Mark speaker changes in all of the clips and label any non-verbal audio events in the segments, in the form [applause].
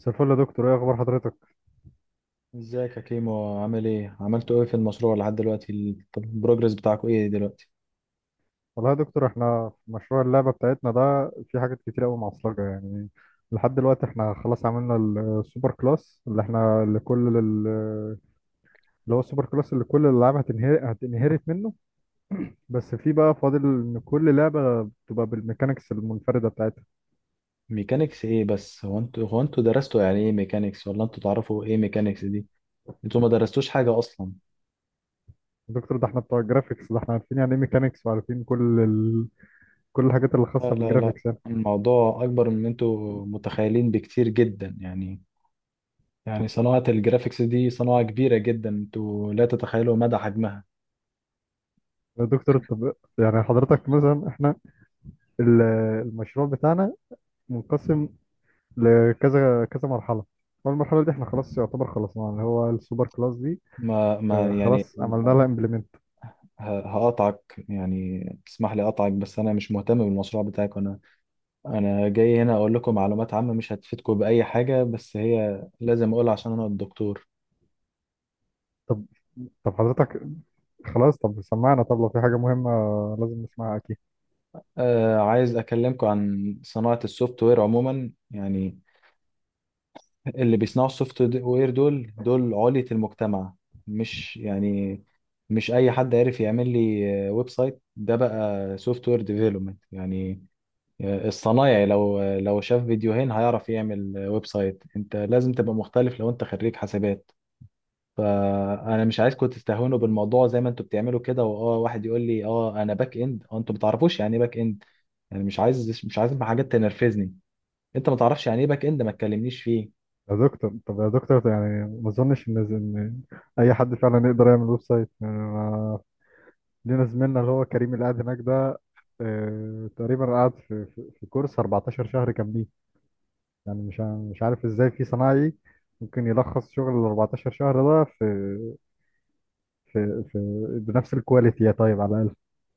Speaker 1: مساء الفل يا دكتور، ايه اخبار حضرتك؟
Speaker 2: ازيك يا كيمو؟ عامل ايه؟ عملتوا ايه في المشروع لحد دلوقتي طب البروجرس بتاعكم ايه دلوقتي؟
Speaker 1: والله يا دكتور احنا في مشروع اللعبه بتاعتنا ده في حاجات كتير قوي معصلجه يعني. لحد دلوقتي احنا خلاص عملنا السوبر كلاس اللي احنا لكل ال- اللي هو السوبر كلاس اللي كل الالعاب هتنهرت منه. بس في بقى فاضل ان كل لعبه بتبقى بالميكانيكس المنفرده بتاعتها.
Speaker 2: ميكانيكس ايه بس؟ هو انتوا درستوا يعني ايه ميكانيكس؟ ولا انتوا تعرفوا ايه ميكانيكس دي؟ انتوا ما درستوش حاجة اصلا.
Speaker 1: يا دكتور ده احنا بتوع الجرافيكس، ده احنا عارفين يعني ايه ميكانيكس وعارفين كل الحاجات اللي
Speaker 2: لا
Speaker 1: خاصه
Speaker 2: لا لا.
Speaker 1: بالجرافيكس يعني.
Speaker 2: الموضوع اكبر من انتوا متخيلين بكتير جدا يعني. يعني صناعة الجرافيكس دي صناعة كبيرة جدا، انتوا لا تتخيلوا مدى حجمها.
Speaker 1: يا دكتور طب، يعني حضرتك مثلا احنا ال- المشروع بتاعنا منقسم لكذا كذا مرحله، والمرحله دي احنا خلاص يعتبر خلصناها اللي هو السوبر كلاس دي.
Speaker 2: ما يعني
Speaker 1: خلاص عملنا لها امبلمنت.
Speaker 2: هقطعك يعني، تسمح لي اقطعك، بس انا مش مهتم بالمشروع بتاعك. انا جاي هنا اقول لكم معلومات عامة مش هتفيدكم بأي حاجة، بس هي لازم اقولها عشان انا الدكتور.
Speaker 1: طب طب حضرتك، خلاص طب سمعنا، طب لو في حاجه مهمه لازم نسمعها اكيد.
Speaker 2: آه، عايز اكلمكم عن صناعة السوفت وير عموما يعني. اللي بيصنعوا السوفت وير دول دول علية المجتمع، مش يعني مش اي حد عارف يعمل لي ويب سايت ده بقى سوفت وير ديفلوبمنت يعني. الصنايعي لو شاف فيديوهين هيعرف يعمل ويب سايت. انت لازم تبقى مختلف لو انت خريج حسابات. فانا مش عايزكم تستهونوا بالموضوع زي ما انتوا بتعملوا كده، واه واحد يقول لي اه انا باك اند اه، انتوا ما تعرفوش يعني ايه باك اند. يعني مش عايز حاجات تنرفزني. انت ما تعرفش يعني ايه باك اند، ما تكلمنيش فيه.
Speaker 1: يا دكتور طب، يا دكتور، يعني ما اظنش ان اي حد فعلا يقدر يعمل ويب سايت يعني لينا زميلنا اللي هو كريم اللي قاعد هناك ده. تقريبا قعد في كورس 14 شهر كاملين. يعني مش عارف ازاي في صنايعي ممكن يلخص شغل ال 14 شهر ده في بنفس الكواليتي يا طيب على الأقل.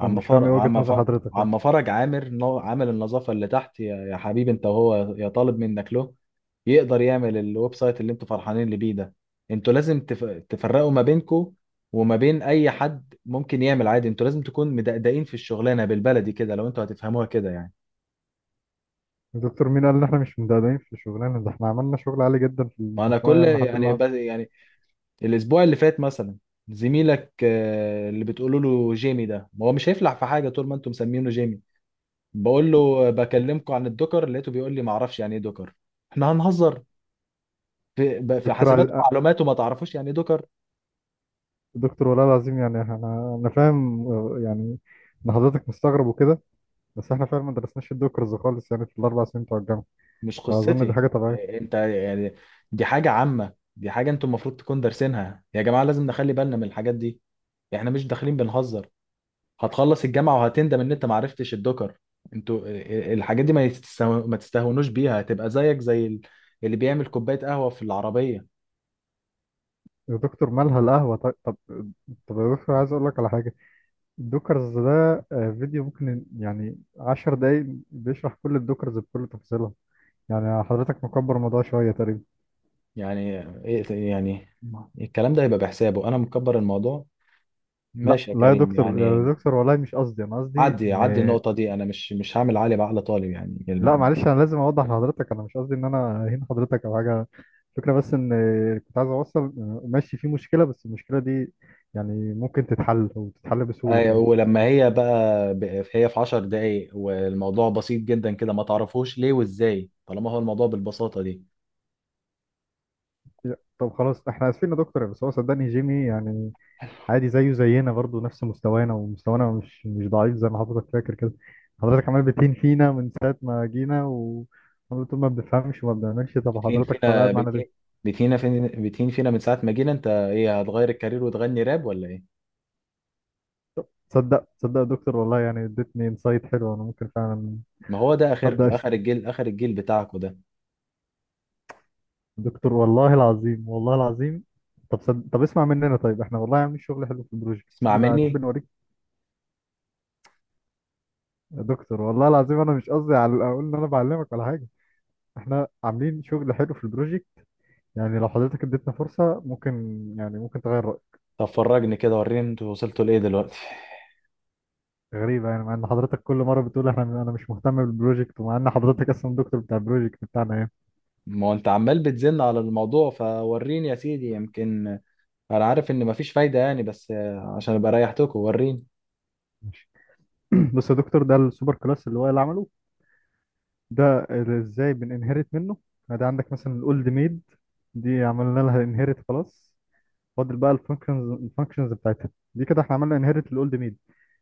Speaker 1: طب
Speaker 2: عم
Speaker 1: مش فاهم
Speaker 2: فرج
Speaker 1: ايه وجهة
Speaker 2: عم
Speaker 1: نظر
Speaker 2: فرج
Speaker 1: حضرتك بقى.
Speaker 2: عم فرج عامل النظافه اللي تحت، يا حبيبي، انت وهو يا طالب منك له يقدر يعمل الويب سايت اللي انتوا فرحانين اللي بيه ده. انتوا لازم تفرقوا ما بينكم وما بين اي حد ممكن يعمل عادي. انتوا لازم تكون مدقدقين في الشغلانه، بالبلدي كده لو انتوا هتفهموها كده يعني.
Speaker 1: الدكتور مين قال ان احنا مش مدقدقين في الشغلانة؟ ده احنا عملنا شغل عالي جدا في
Speaker 2: ما انا
Speaker 1: المشروع
Speaker 2: كل
Speaker 1: يعني لحد
Speaker 2: يعني
Speaker 1: اللحظة.
Speaker 2: بس يعني الاسبوع اللي فات مثلا، زميلك اللي بتقولوا له جيمي ده ما هو مش هيفلح في حاجه طول ما انتم مسمينه جيمي. بقول له بكلمكم عن الدوكر، لقيته بيقول لي ما اعرفش يعني ايه دوكر. احنا هنهزر؟ في في
Speaker 1: دكتور
Speaker 2: حاسبات
Speaker 1: عز...
Speaker 2: ومعلومات وما تعرفوش يعني ايه دوكر؟
Speaker 1: دكتور والله العظيم، يعني انا فاهم يعني ان حضرتك مستغرب وكده، بس احنا فعلا ما درسناش الدوكرز خالص يعني في الاربع سنين بتوع الجامعة.
Speaker 2: مش
Speaker 1: فاظن دي
Speaker 2: قصتي.
Speaker 1: حاجة طبيعية.
Speaker 2: انت يعني دي حاجه عامه، دي حاجه انتم المفروض تكون دارسينها، يا جماعه لازم نخلي بالنا من الحاجات دي. احنا مش داخلين بنهزر. هتخلص الجامعة وهتندم ان انت معرفتش الدكر. انتوا الحاجات دي ما تستهونوش بيها، هتبقى زيك زي اللي بيعمل كوباية قهوة في العربية.
Speaker 1: يا دكتور مالها القهوة طيب؟ طب يا دكتور، عايز اقول لك على حاجة. الدوكرز ده فيديو ممكن يعني عشر دقايق بيشرح كل الدوكرز بكل تفصيلها. يعني حضرتك مكبر الموضوع شوية تقريبا.
Speaker 2: يعني يعني الكلام ده هيبقى بحسابه، انا مكبر الموضوع؟
Speaker 1: لا
Speaker 2: ماشي يا
Speaker 1: لا يا
Speaker 2: كريم
Speaker 1: دكتور، يا
Speaker 2: يعني.
Speaker 1: دكتور والله مش قصدي، أنا قصدي
Speaker 2: عدي
Speaker 1: إن...
Speaker 2: النقطة دي. انا مش هعمل علي بعقل طالب يعني
Speaker 1: لا معلش، أنا لازم أوضح لحضرتك، أنا مش قصدي إن أنا أهين حضرتك أو حاجة. الفكرة بس إن كنت عايز أوصل، ماشي في مشكلة، بس المشكلة دي يعني ممكن تتحل وتتحل بسهولة كمان.
Speaker 2: ولما هي بقى هي في 10 دقايق والموضوع بسيط جدا كده، ما تعرفوش ليه وازاي طالما هو الموضوع بالبساطة دي؟
Speaker 1: طب خلاص إحنا آسفين يا دكتور، بس هو صدقني جيمي يعني عادي زيه زينا برضو نفس مستوانا، ومستوانا مش ضعيف زي ما حضرتك فاكر كده. حضرتك عمال بتهين فينا من ساعة ما جينا و عمال تقول ما بنفهمش وما بنعملش. طب
Speaker 2: بتهين
Speaker 1: حضرتك طب
Speaker 2: فينا
Speaker 1: قاعد معانا
Speaker 2: بتهين
Speaker 1: ليه؟
Speaker 2: بتهينا فين بتهين فينا من ساعة ما جينا؟ انت ايه، هتغير الكارير وتغني راب ولا ايه؟
Speaker 1: تصدق يا دكتور والله، يعني اديتني انسايت حلو، انا ممكن فعلا...
Speaker 2: ما هو ده اخركم،
Speaker 1: ابدا أشت...
Speaker 2: اخر الجيل اخر الجيل بتاعكم ده.
Speaker 1: دكتور والله العظيم والله العظيم. طب اسمع مننا طيب، احنا والله عاملين شغل حلو في البروجكت،
Speaker 2: اسمع
Speaker 1: تحب
Speaker 2: مني.
Speaker 1: نوريك؟ يا دكتور والله العظيم، انا مش قصدي على اقول ان انا بعلمك ولا حاجه. احنا عاملين شغل حلو في البروجكت، يعني لو حضرتك اديتنا فرصة ممكن يعني ممكن تغير رأيك.
Speaker 2: طب فرجني كده، وريني انتوا وصلتوا لايه دلوقتي.
Speaker 1: غريبة يعني، مع ان حضرتك كل مرة بتقول احنا انا مش مهتم بالبروجكت، ومع ان حضرتك اصلا دكتور بتاع البروجكت بتاعنا يعني.
Speaker 2: [laughs] ما هو انت عمال بتزن على الموضوع، فوريني يا سيدي. يمكن انا عارف ان مفيش فايدة يعني، بس عشان ابقى ريحتكم وريني.
Speaker 1: ماشي. [clears throat] بص يا دكتور، ده السوبر كلاس اللي هو اللي عمله ده، اللي ازاي بننهرت منه. يعني ده عندك مثلا الاولد ميد، دي عملنا لها انهرت خلاص. فاضل بقى الفانكشنز بتاعتها دي كده. احنا عملنا انهرت الاولد ميد.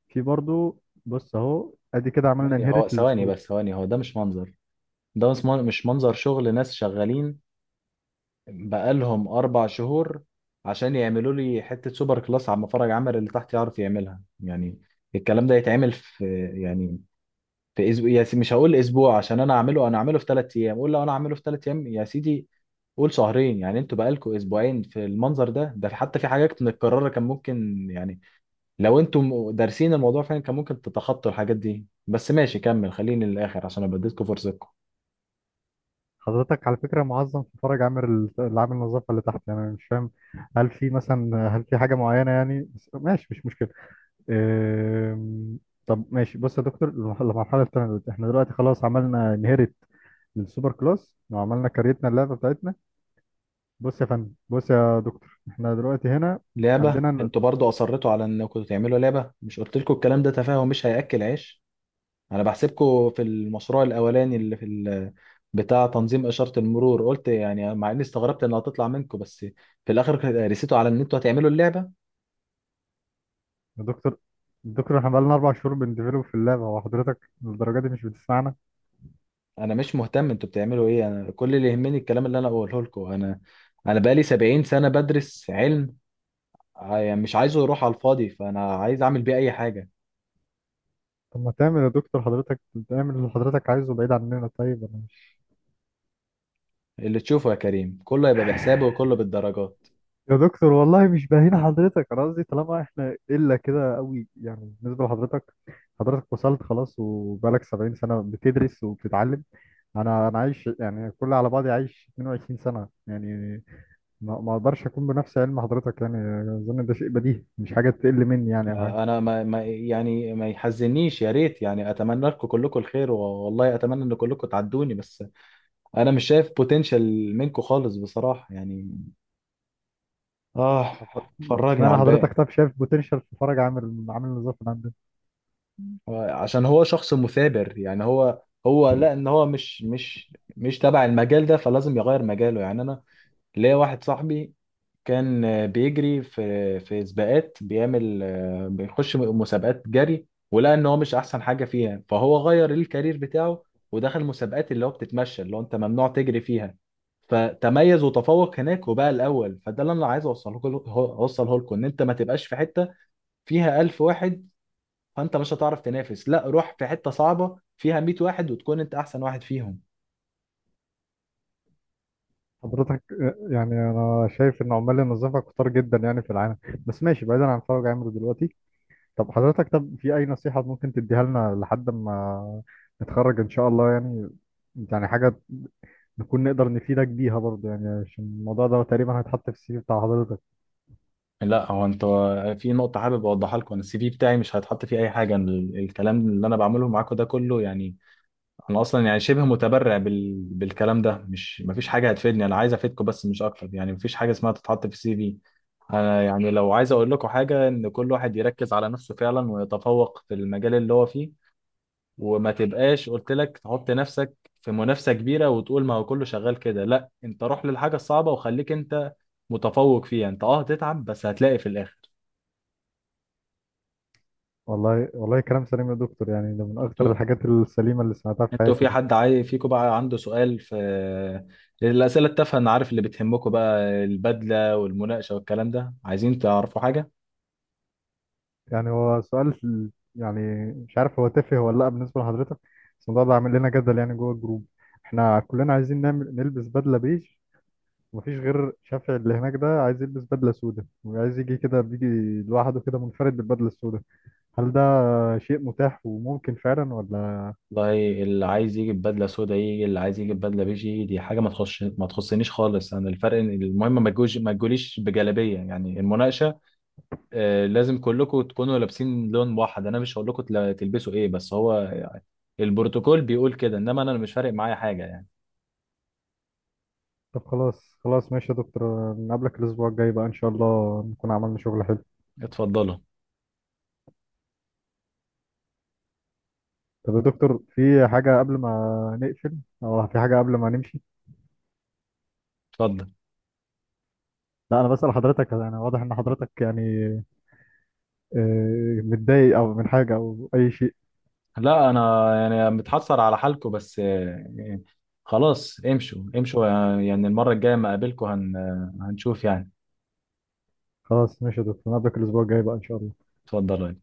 Speaker 1: في برضو بص اهو ادي كده عملنا
Speaker 2: ثواني هو
Speaker 1: انهرت
Speaker 2: ثواني
Speaker 1: السكرو.
Speaker 2: بس ثواني هو ده مش منظر. ده مش منظر شغل ناس شغالين بقالهم 4 شهور عشان يعملوا لي حتة سوبر كلاس على مفرج عمل اللي تحت يعرف يعملها يعني. الكلام ده يتعمل في يعني في أسبوع يا سيدي. مش هقول أسبوع عشان أنا أعمله، أنا أعمله في 3 أيام. قول لو أنا أعمله في 3 أيام يا سيدي، قول شهرين، يعني انتوا بقالكوا اسبوعين في المنظر ده، ده حتى في حاجات متكررة كان ممكن يعني لو انتوا دارسين الموضوع فعلا كان ممكن تتخطوا الحاجات دي. بس ماشي، كمل خليني للآخر عشان أنا بديتكم فرصتكم.
Speaker 1: حضرتك على فكرة، معظم في فرج عامل النظافة اللي تحت يعني، أنا مش فاهم. هل في مثلا هل في حاجة معينة يعني؟ بس ماشي مش مشكلة. أم، طب ماشي. بص يا دكتور، المرحلة التانية دلوقتي، احنا دلوقتي خلاص عملنا انهيرت للسوبر كلاس، وعملنا كريتنا اللعبة بتاعتنا. بص يا فندم، بص يا دكتور احنا دلوقتي هنا،
Speaker 2: لعبة؟
Speaker 1: عندنا
Speaker 2: انتوا برضو اصرتوا على انكم تعملوا لعبة؟ مش قلت لكم الكلام ده تفاهه مش هياكل عيش؟ انا بحسبكم في المشروع الاولاني اللي في بتاع تنظيم اشارة المرور، قلت يعني مع اني استغربت انها هتطلع منكم، بس في الاخر رسيتوا على ان انتوا هتعملوا اللعبة.
Speaker 1: يا دكتور، دكتور احنا بقالنا أربع شهور بنديفلوب في اللعبة، وحضرتك للدرجة دي مش بتسمعنا.
Speaker 2: انا مش مهتم انتوا بتعملوا ايه، انا كل اللي يهمني الكلام اللي انا اقوله لكم. انا انا بقالي 70 سنة بدرس علم، يعني مش عايزه يروح على الفاضي، فانا عايز اعمل بيه اي حاجة.
Speaker 1: طب ما تعمل يا دكتور، حضرتك تعمل اللي حضرتك عايزه بعيد عننا. طيب أنا،
Speaker 2: اللي تشوفه يا كريم كله يبقى بحسابه وكله بالدرجات.
Speaker 1: يا دكتور والله مش باهين حضرتك، انا قصدي طالما احنا قله كده قوي يعني بالنسبه لحضرتك. حضرتك وصلت خلاص وبقالك 70 سنه بتدرس وبتتعلم. انا عايش يعني كل على بعضي عايش 22 سنه يعني، ما اقدرش اكون بنفس علم حضرتك يعني. اظن ده شيء بديهي، مش حاجه تقل مني يعني او حاجه.
Speaker 2: انا ما يعني ما يحزنيش، يا ريت يعني اتمنى لكم كلكم الخير والله اتمنى ان كلكم تعدوني، بس انا مش شايف بوتنشال منكم خالص بصراحة يعني. اه.
Speaker 1: طب
Speaker 2: فرجني
Speaker 1: اشمعنى
Speaker 2: على الباقي.
Speaker 1: حضرتك طب شايف بوتنشال في فرج عامل النظافه اللي عندنا؟
Speaker 2: عشان هو شخص مثابر يعني. هو لا، ان هو مش تبع المجال ده فلازم يغير مجاله يعني. انا ليا واحد صاحبي، كان بيجري في سباقات، بيعمل بيخش مسابقات جري، ولقى ان هو مش احسن حاجه فيها فهو غير الكارير بتاعه، ودخل مسابقات اللي هو بتتمشى، اللي هو انت ممنوع تجري فيها. فتميز وتفوق هناك وبقى الاول. فده اللي انا عايز اوصله لكم، ان انت ما تبقاش في حته فيها 1000 واحد فانت مش هتعرف تنافس. لا، روح في حته صعبه فيها 100 واحد وتكون انت احسن واحد فيهم.
Speaker 1: حضرتك يعني انا شايف ان عمال النظافه كتار جدا يعني في العالم. بس ماشي بعيدا عن فرج عامل دلوقتي. طب حضرتك، طب في أي نصيحة ممكن تديها لنا لحد ما نتخرج إن شاء الله يعني، يعني حاجة نكون نقدر نفيدك بيها برضه يعني عشان الموضوع ده تقريبا هيتحط في السي في بتاع حضرتك.
Speaker 2: لا هو انت، في نقطة حابب اوضحها لكم. انا السي في بتاعي مش هيتحط فيه اي حاجة. أنا الكلام اللي انا بعمله معاكم ده كله يعني، انا اصلا يعني شبه متبرع بالكلام ده، مش مفيش حاجة هتفيدني. انا عايز افيدكم بس، مش اكتر يعني. مفيش حاجة اسمها تتحط في السي في. انا يعني لو عايز اقول لكم حاجة، ان كل واحد يركز على نفسه فعلا ويتفوق في المجال اللي هو فيه. وما تبقاش قلت لك تحط نفسك في منافسة كبيرة وتقول ما هو كله شغال كده. لا انت روح للحاجة الصعبة وخليك انت متفوق فيها. انت اه هتتعب، بس هتلاقي في الاخر.
Speaker 1: والله والله كلام سليم يا دكتور، يعني ده من أكتر
Speaker 2: انتوا
Speaker 1: الحاجات السليمة اللي سمعتها في
Speaker 2: انتوا
Speaker 1: حياتي
Speaker 2: في
Speaker 1: ده.
Speaker 2: حد عايز فيكم بقى عنده سؤال في الأسئلة التافهة؟ انا عارف اللي بتهمكم بقى، البدلة والمناقشة والكلام ده. عايزين تعرفوا حاجة؟
Speaker 1: يعني هو سؤال يعني مش عارف هو تافه ولا لأ بالنسبة لحضرتك، بس الموضوع ده عامل لنا جدل يعني جوه الجروب. احنا كلنا عايزين نعمل نلبس بدلة بيج، مفيش غير شافعي اللي هناك ده عايز يلبس بدلة سوداء وعايز يجي كده بيجي لوحده كده منفرد بالبدلة السوداء. هل ده شيء متاح وممكن فعلا ولا؟
Speaker 2: والله اللي عايز يجي بدلة سودا يجي، اللي عايز يجي بدلة بيجي. دي حاجة ما تخش ما تخصنيش خالص، انا الفرق إن المهم ما تجوش ما تجوليش بجلابية يعني. المناقشة لازم كلكم تكونوا لابسين لون واحد. انا مش هقول لكم تلبسوا ايه، بس هو البروتوكول بيقول كده، انما انا مش فارق معايا حاجة يعني.
Speaker 1: طب خلاص خلاص ماشي يا دكتور، نقابلك الأسبوع الجاي بقى إن شاء الله نكون عملنا شغل حلو.
Speaker 2: اتفضلوا.
Speaker 1: طب يا دكتور، في حاجة قبل ما نقفل أو في حاجة قبل ما نمشي؟
Speaker 2: اتفضل.
Speaker 1: لا أنا بسأل حضرتك، أنا واضح إن حضرتك يعني متضايق أو من حاجة أو أي شيء.
Speaker 2: لا انا يعني متحسر على حالكم، بس خلاص امشوا امشوا. يعني المره الجايه ما اقابلكم هنشوف يعني.
Speaker 1: خلاص ماشي يا دكتور، نقابلك الأسبوع الجاي بقى إن شاء الله.
Speaker 2: اتفضل.